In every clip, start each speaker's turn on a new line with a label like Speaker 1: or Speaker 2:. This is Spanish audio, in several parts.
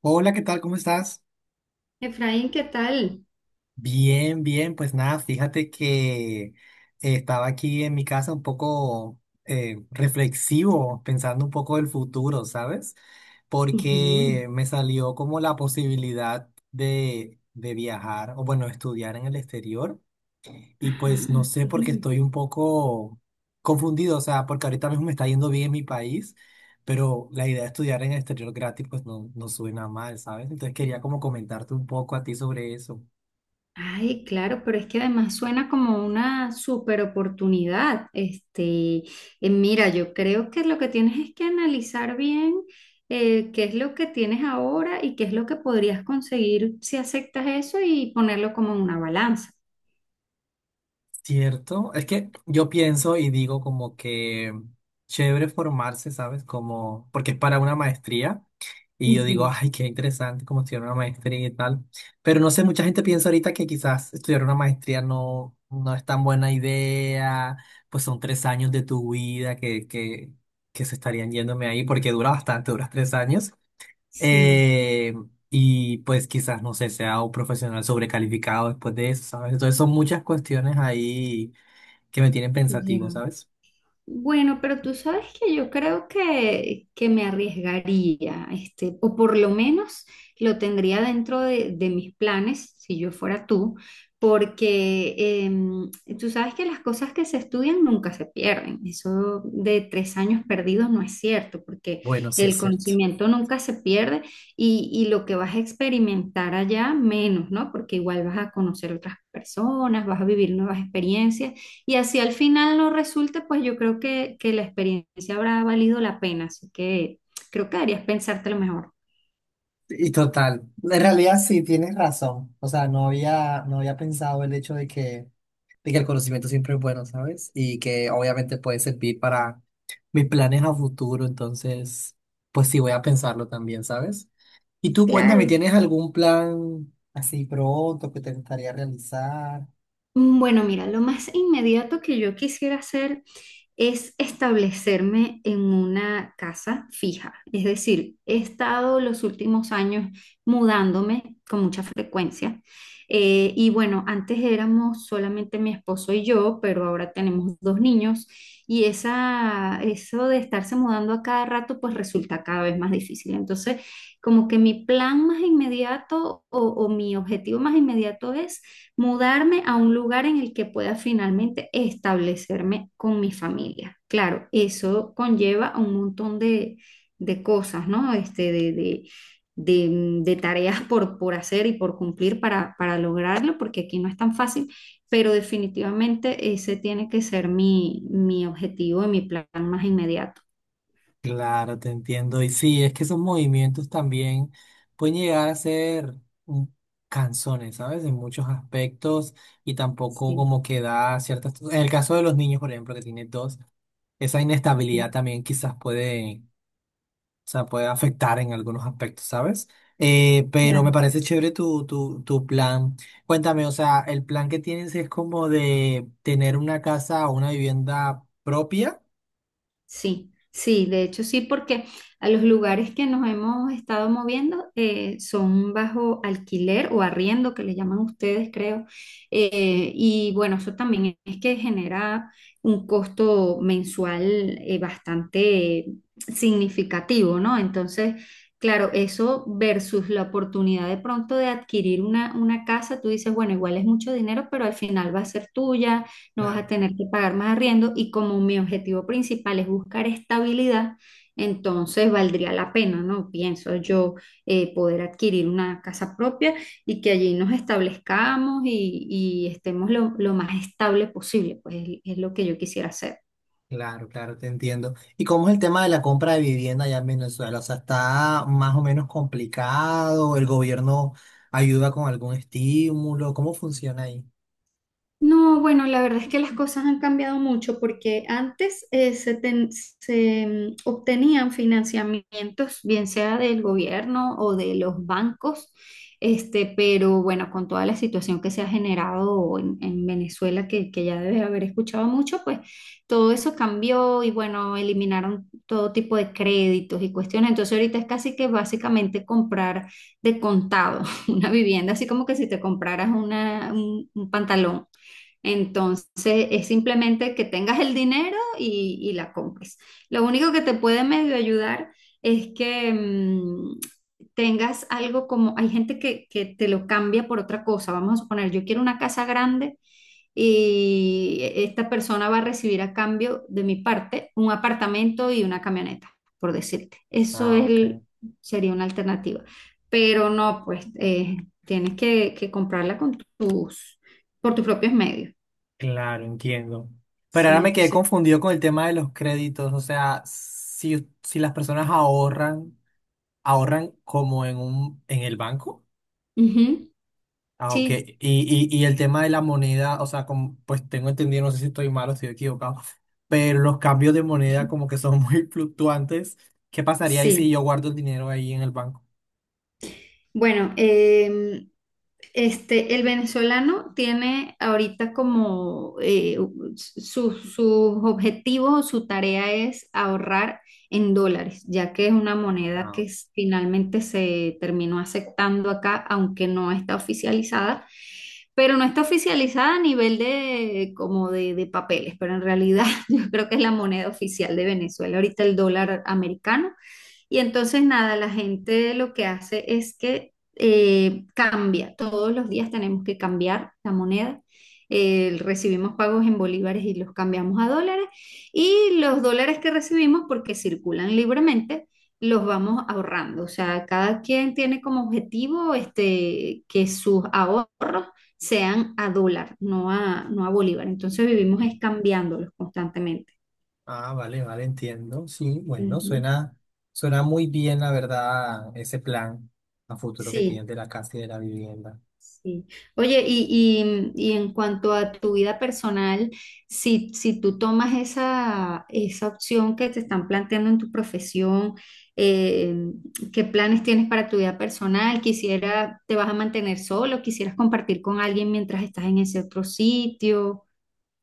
Speaker 1: Hola, ¿qué tal? ¿Cómo estás?
Speaker 2: Efraín, ¿qué tal?
Speaker 1: Bien, bien, pues nada, fíjate que estaba aquí en mi casa un poco reflexivo, pensando un poco del futuro, ¿sabes?
Speaker 2: Ujú.
Speaker 1: Porque me salió como la posibilidad de viajar o bueno, estudiar en el exterior y
Speaker 2: Ajá,
Speaker 1: pues no sé porque
Speaker 2: bien.
Speaker 1: estoy un poco confundido, o sea, porque ahorita mismo me está yendo bien en mi país, pero la idea de estudiar en el exterior gratis pues no, no suena mal, ¿sabes? Entonces quería como comentarte un poco a ti sobre eso.
Speaker 2: Ay, claro, pero es que además suena como una super oportunidad. Este, mira, yo creo que lo que tienes es que analizar bien qué es lo que tienes ahora y qué es lo que podrías conseguir si aceptas eso y ponerlo como en una balanza.
Speaker 1: Cierto, es que yo pienso y digo como que chévere formarse, ¿sabes? Como, porque es para una maestría y yo digo,
Speaker 2: Ujú.
Speaker 1: ay, qué interesante como estudiar una maestría y tal, pero no sé, mucha gente piensa ahorita que quizás estudiar una maestría no, no es tan buena idea, pues son 3 años de tu vida que, se estarían yéndome ahí porque dura bastante, duras 3 años.
Speaker 2: Sí,
Speaker 1: Eh, y pues quizás, no sé, sea un profesional sobrecalificado después de eso, ¿sabes? Entonces son muchas cuestiones ahí que me tienen
Speaker 2: ya.
Speaker 1: pensativo, ¿sabes?
Speaker 2: Bueno, pero tú sabes que yo creo que, me arriesgaría, este, o por lo menos lo tendría dentro de mis planes, si yo fuera tú, porque tú sabes que las cosas que se estudian nunca se pierden. Eso de 3 años perdidos no es cierto, porque
Speaker 1: Bueno, sí es
Speaker 2: el
Speaker 1: cierto.
Speaker 2: conocimiento nunca se pierde y lo que vas a experimentar allá menos, ¿no? Porque igual vas a conocer otras personas, vas a vivir nuevas experiencias. Y así al final no resulte, pues yo creo que la experiencia habrá valido la pena, así que creo que deberías pensártelo mejor.
Speaker 1: Y total, en realidad sí tienes razón. O sea, no había pensado el hecho de que el conocimiento siempre es bueno, ¿sabes? Y que obviamente puede servir para mis planes a futuro. Entonces, pues sí, voy a pensarlo también, ¿sabes? Y tú cuéntame,
Speaker 2: Claro.
Speaker 1: ¿tienes algún plan así pronto que te gustaría realizar?
Speaker 2: Bueno, mira, lo más inmediato que yo quisiera hacer es establecerme en una casa fija. Es decir, he estado los últimos años mudándome con mucha frecuencia. Y bueno, antes éramos solamente mi esposo y yo, pero ahora tenemos dos niños y eso de estarse mudando a cada rato pues resulta cada vez más difícil. Entonces, como que mi plan más inmediato o mi objetivo más inmediato es mudarme a un lugar en el que pueda finalmente establecerme con mi familia. Claro, eso conlleva a un montón de cosas, ¿no? Este, de tareas por hacer y por cumplir para lograrlo, porque aquí no es tan fácil, pero definitivamente ese tiene que ser mi, mi objetivo y mi plan más inmediato.
Speaker 1: Claro, te entiendo. Y sí, es que esos movimientos también pueden llegar a ser un- canzones, ¿sabes? En muchos aspectos y tampoco
Speaker 2: Sí,
Speaker 1: como que da ciertas. En el caso de los niños, por ejemplo, que tiene dos, esa inestabilidad
Speaker 2: sí.
Speaker 1: también quizás puede, o sea, puede afectar en algunos aspectos, ¿sabes? Pero me parece chévere tu plan. Cuéntame, o sea, el plan que tienes es como de tener una casa o una vivienda propia.
Speaker 2: Sí, sí, de hecho sí, porque a los lugares que nos hemos estado moviendo son bajo alquiler o arriendo, que le llaman ustedes, creo. Y bueno, eso también es que genera un costo mensual bastante significativo, ¿no? Entonces, claro, eso versus la oportunidad de pronto de adquirir una casa, tú dices, bueno, igual es mucho dinero, pero al final va a ser tuya. No vas a tener que pagar más arriendo y como mi objetivo principal es buscar estabilidad, entonces valdría la pena, ¿no? Pienso yo poder adquirir una casa propia y que allí nos establezcamos y estemos lo más estable posible, pues es lo que yo quisiera hacer.
Speaker 1: Claro, claro, te entiendo. ¿Y cómo es el tema de la compra de vivienda allá en Venezuela? O sea, ¿está más o menos complicado? ¿El gobierno ayuda con algún estímulo? ¿Cómo funciona ahí?
Speaker 2: No, bueno, la verdad es que las cosas han cambiado mucho porque antes se, ten- se, mm, obtenían financiamientos, bien sea del gobierno o de los bancos, este, pero bueno, con toda la situación que se ha generado en Venezuela, que ya debes haber escuchado mucho, pues todo eso cambió y bueno, eliminaron todo tipo de créditos y cuestiones. Entonces ahorita es casi que básicamente comprar de contado una vivienda, así como que si te compraras una, un pantalón. Entonces es simplemente que tengas el dinero y la compres. Lo único que te puede medio ayudar es que tengas algo como, hay gente que te lo cambia por otra cosa. Vamos a suponer, yo quiero una casa grande y esta persona va a recibir a cambio de mi parte un apartamento y una camioneta, por decirte.
Speaker 1: Ah, ok.
Speaker 2: Sería una alternativa. Pero no, pues tienes que comprarla con por tus propios medios.
Speaker 1: Claro, entiendo. Pero
Speaker 2: Sí,
Speaker 1: ahora me quedé
Speaker 2: entonces,
Speaker 1: confundido con el tema de los créditos. O sea, si las personas ahorran, ¿ahorran como en el banco?
Speaker 2: ujú,
Speaker 1: Ah, ok.
Speaker 2: sí.
Speaker 1: Y el tema de la moneda, o sea, como, pues tengo entendido, no sé si estoy mal o estoy equivocado, pero los cambios de moneda como que son muy fluctuantes. ¿Qué pasaría ahí si
Speaker 2: Sí.
Speaker 1: yo guardo el dinero ahí en el banco?
Speaker 2: Bueno, este, el venezolano tiene ahorita como sus objetivos, su tarea es ahorrar en dólares, ya que es una moneda
Speaker 1: Ah,
Speaker 2: que
Speaker 1: ok.
Speaker 2: finalmente se terminó aceptando acá, aunque no está oficializada, pero no está oficializada a nivel de como de papeles, pero en realidad yo creo que es la moneda oficial de Venezuela. Ahorita el dólar americano. Y entonces nada, la gente lo que hace es que cambia. Todos los días tenemos que cambiar la moneda. Recibimos pagos en bolívares y los cambiamos a dólares. Y los dólares que recibimos, porque circulan libremente, los vamos ahorrando. O sea, cada quien tiene como objetivo este, que sus ahorros sean a dólar, no a bolívar. Entonces
Speaker 1: Ah, ok.
Speaker 2: vivimos es cambiándolos constantemente.
Speaker 1: Ah, vale, vale, entiendo. Sí, bueno,
Speaker 2: Ujú.
Speaker 1: suena, suena muy bien, la verdad, ese plan a futuro que
Speaker 2: Sí.
Speaker 1: tienen de la casa y de la vivienda.
Speaker 2: Sí. Oye, y en cuanto a tu vida personal, si tú tomas esa opción que te están planteando en tu profesión, eh, ¿qué planes tienes para tu vida personal? Quisiera, ¿te vas a mantener solo? ¿Quisieras compartir con alguien mientras estás en ese otro sitio?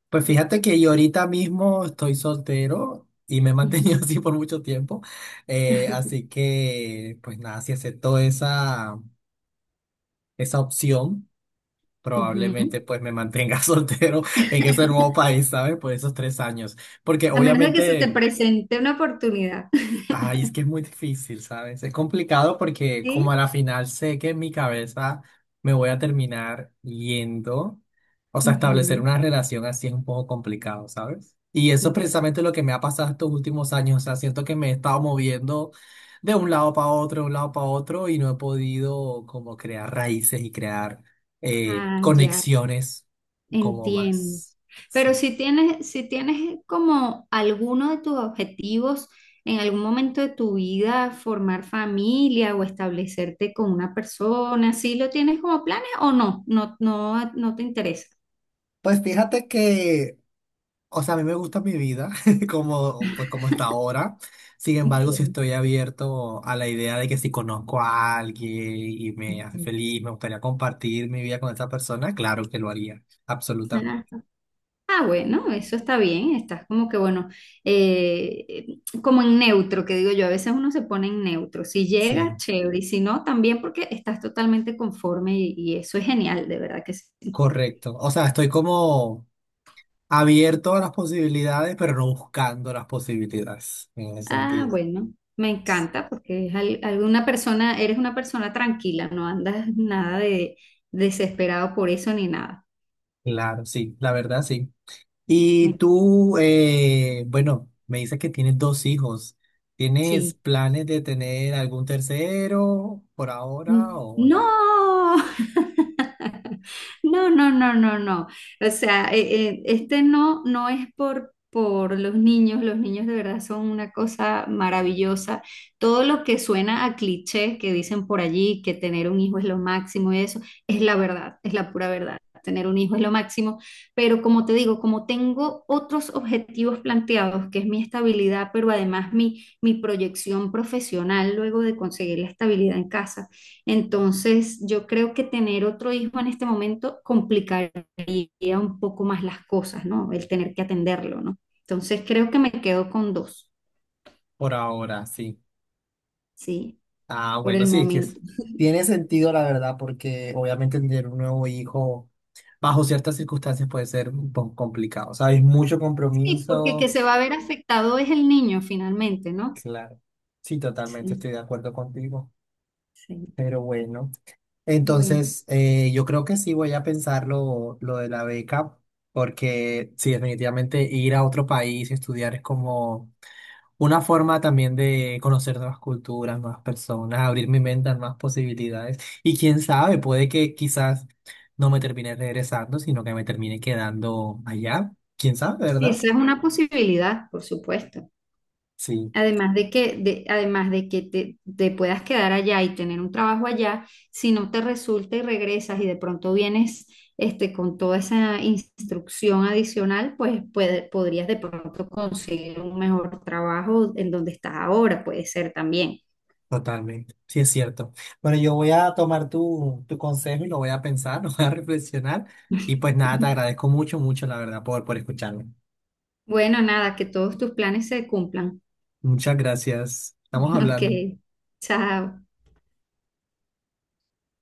Speaker 1: Pues fíjate que yo ahorita mismo estoy soltero y me he mantenido
Speaker 2: Ujú.
Speaker 1: así por mucho tiempo. Así que, pues nada, si acepto esa, opción, probablemente
Speaker 2: Ujú.
Speaker 1: pues me mantenga soltero en ese nuevo país, ¿sabes? Por esos 3 años. Porque
Speaker 2: A menos de que se te
Speaker 1: obviamente
Speaker 2: presente una oportunidad.
Speaker 1: ay, es que es muy difícil, ¿sabes? Es complicado porque como a
Speaker 2: ¿Sí?
Speaker 1: la final sé que en mi cabeza me voy a terminar yendo, o sea, establecer
Speaker 2: Ujú.
Speaker 1: una relación así es un poco complicado, ¿sabes? Y eso es
Speaker 2: Ya.
Speaker 1: precisamente lo que me ha pasado estos últimos años, o sea, siento que me he estado moviendo de un lado para otro, de un lado para otro y no he podido como crear raíces y crear
Speaker 2: Ah, ya.
Speaker 1: conexiones como
Speaker 2: Entiendo.
Speaker 1: más,
Speaker 2: Pero
Speaker 1: sí.
Speaker 2: si tienes como alguno de tus objetivos en algún momento de tu vida, formar familia o establecerte con una persona, ¿sí lo tienes como planes o no? No, no, no te interesa.
Speaker 1: Pues fíjate que o sea, a mí me gusta mi vida como, pues, como está ahora. Sin
Speaker 2: Ok.
Speaker 1: embargo, si estoy abierto a la idea de que si conozco a alguien y me hace
Speaker 2: Ujú.
Speaker 1: feliz, me gustaría compartir mi vida con esa persona, claro que lo haría. Absolutamente.
Speaker 2: Ah, ah, bueno, eso está bien. Estás como que, bueno, como en neutro, que digo yo, a veces uno se pone en neutro. Si llega,
Speaker 1: Sí,
Speaker 2: chévere, y si no, también porque estás totalmente conforme y eso es genial, de verdad que sí.
Speaker 1: correcto. O sea, estoy como abierto a las posibilidades, pero no buscando las posibilidades en ese
Speaker 2: Ah,
Speaker 1: sentido.
Speaker 2: bueno, me encanta porque es al- alguna persona, eres una persona tranquila, no andas nada de desesperado por eso ni nada.
Speaker 1: Claro, sí, la verdad, sí. Y
Speaker 2: Me-
Speaker 1: tú, bueno, me dices que tienes dos hijos. ¿Tienes
Speaker 2: sí.
Speaker 1: planes de tener algún tercero por ahora o
Speaker 2: No,
Speaker 1: no?
Speaker 2: no, no, no, no, no. O sea, este no, no es por los niños. Los niños de verdad son una cosa maravillosa. Todo lo que suena a clichés que dicen por allí, que tener un hijo es lo máximo y eso, es la verdad, es la pura verdad. Tener un hijo es lo máximo. Pero como te digo, como tengo otros objetivos planteados, que es mi estabilidad, pero además mi, mi proyección profesional luego de conseguir la estabilidad en casa. Entonces, yo creo que tener otro hijo en este momento complicaría un poco más las cosas, ¿no? El tener que atenderlo, ¿no? Entonces, creo que me quedo con dos,
Speaker 1: Por ahora, sí.
Speaker 2: ¿sí?
Speaker 1: Ah,
Speaker 2: Por
Speaker 1: bueno,
Speaker 2: el
Speaker 1: sí, que es-
Speaker 2: momento.
Speaker 1: tiene sentido la verdad, porque obviamente tener un nuevo hijo bajo ciertas circunstancias puede ser un poco complicado, ¿sabes? Mucho
Speaker 2: Sí, porque que
Speaker 1: compromiso.
Speaker 2: se va a ver afectado es el niño finalmente, ¿no?
Speaker 1: Claro. Sí, totalmente
Speaker 2: Sí,
Speaker 1: estoy de acuerdo contigo.
Speaker 2: sí.
Speaker 1: Pero bueno.
Speaker 2: Bueno,
Speaker 1: Entonces, yo creo que sí voy a pensar lo, de la beca, porque sí, definitivamente ir a otro país y estudiar es como una forma también de conocer nuevas culturas, nuevas personas, abrir mi mente a nuevas posibilidades. Y quién sabe, puede que quizás no me termine regresando, sino que me termine quedando allá. ¿Quién sabe, verdad?
Speaker 2: esa es una posibilidad, por supuesto.
Speaker 1: Sí.
Speaker 2: Además de que, además de que te puedas quedar allá y tener un trabajo allá, si no te resulta y regresas y de pronto vienes este, con toda esa instrucción adicional, pues podrías de pronto conseguir un mejor trabajo en donde estás ahora, puede ser también.
Speaker 1: Totalmente, sí es cierto. Bueno, yo voy a tomar tu, consejo y lo voy a pensar, lo voy a reflexionar. Y pues nada, te agradezco mucho, mucho, la verdad, por escucharme.
Speaker 2: Bueno, nada, que todos tus planes se cumplan.
Speaker 1: Muchas gracias. Estamos
Speaker 2: Ok,
Speaker 1: hablando.
Speaker 2: chao.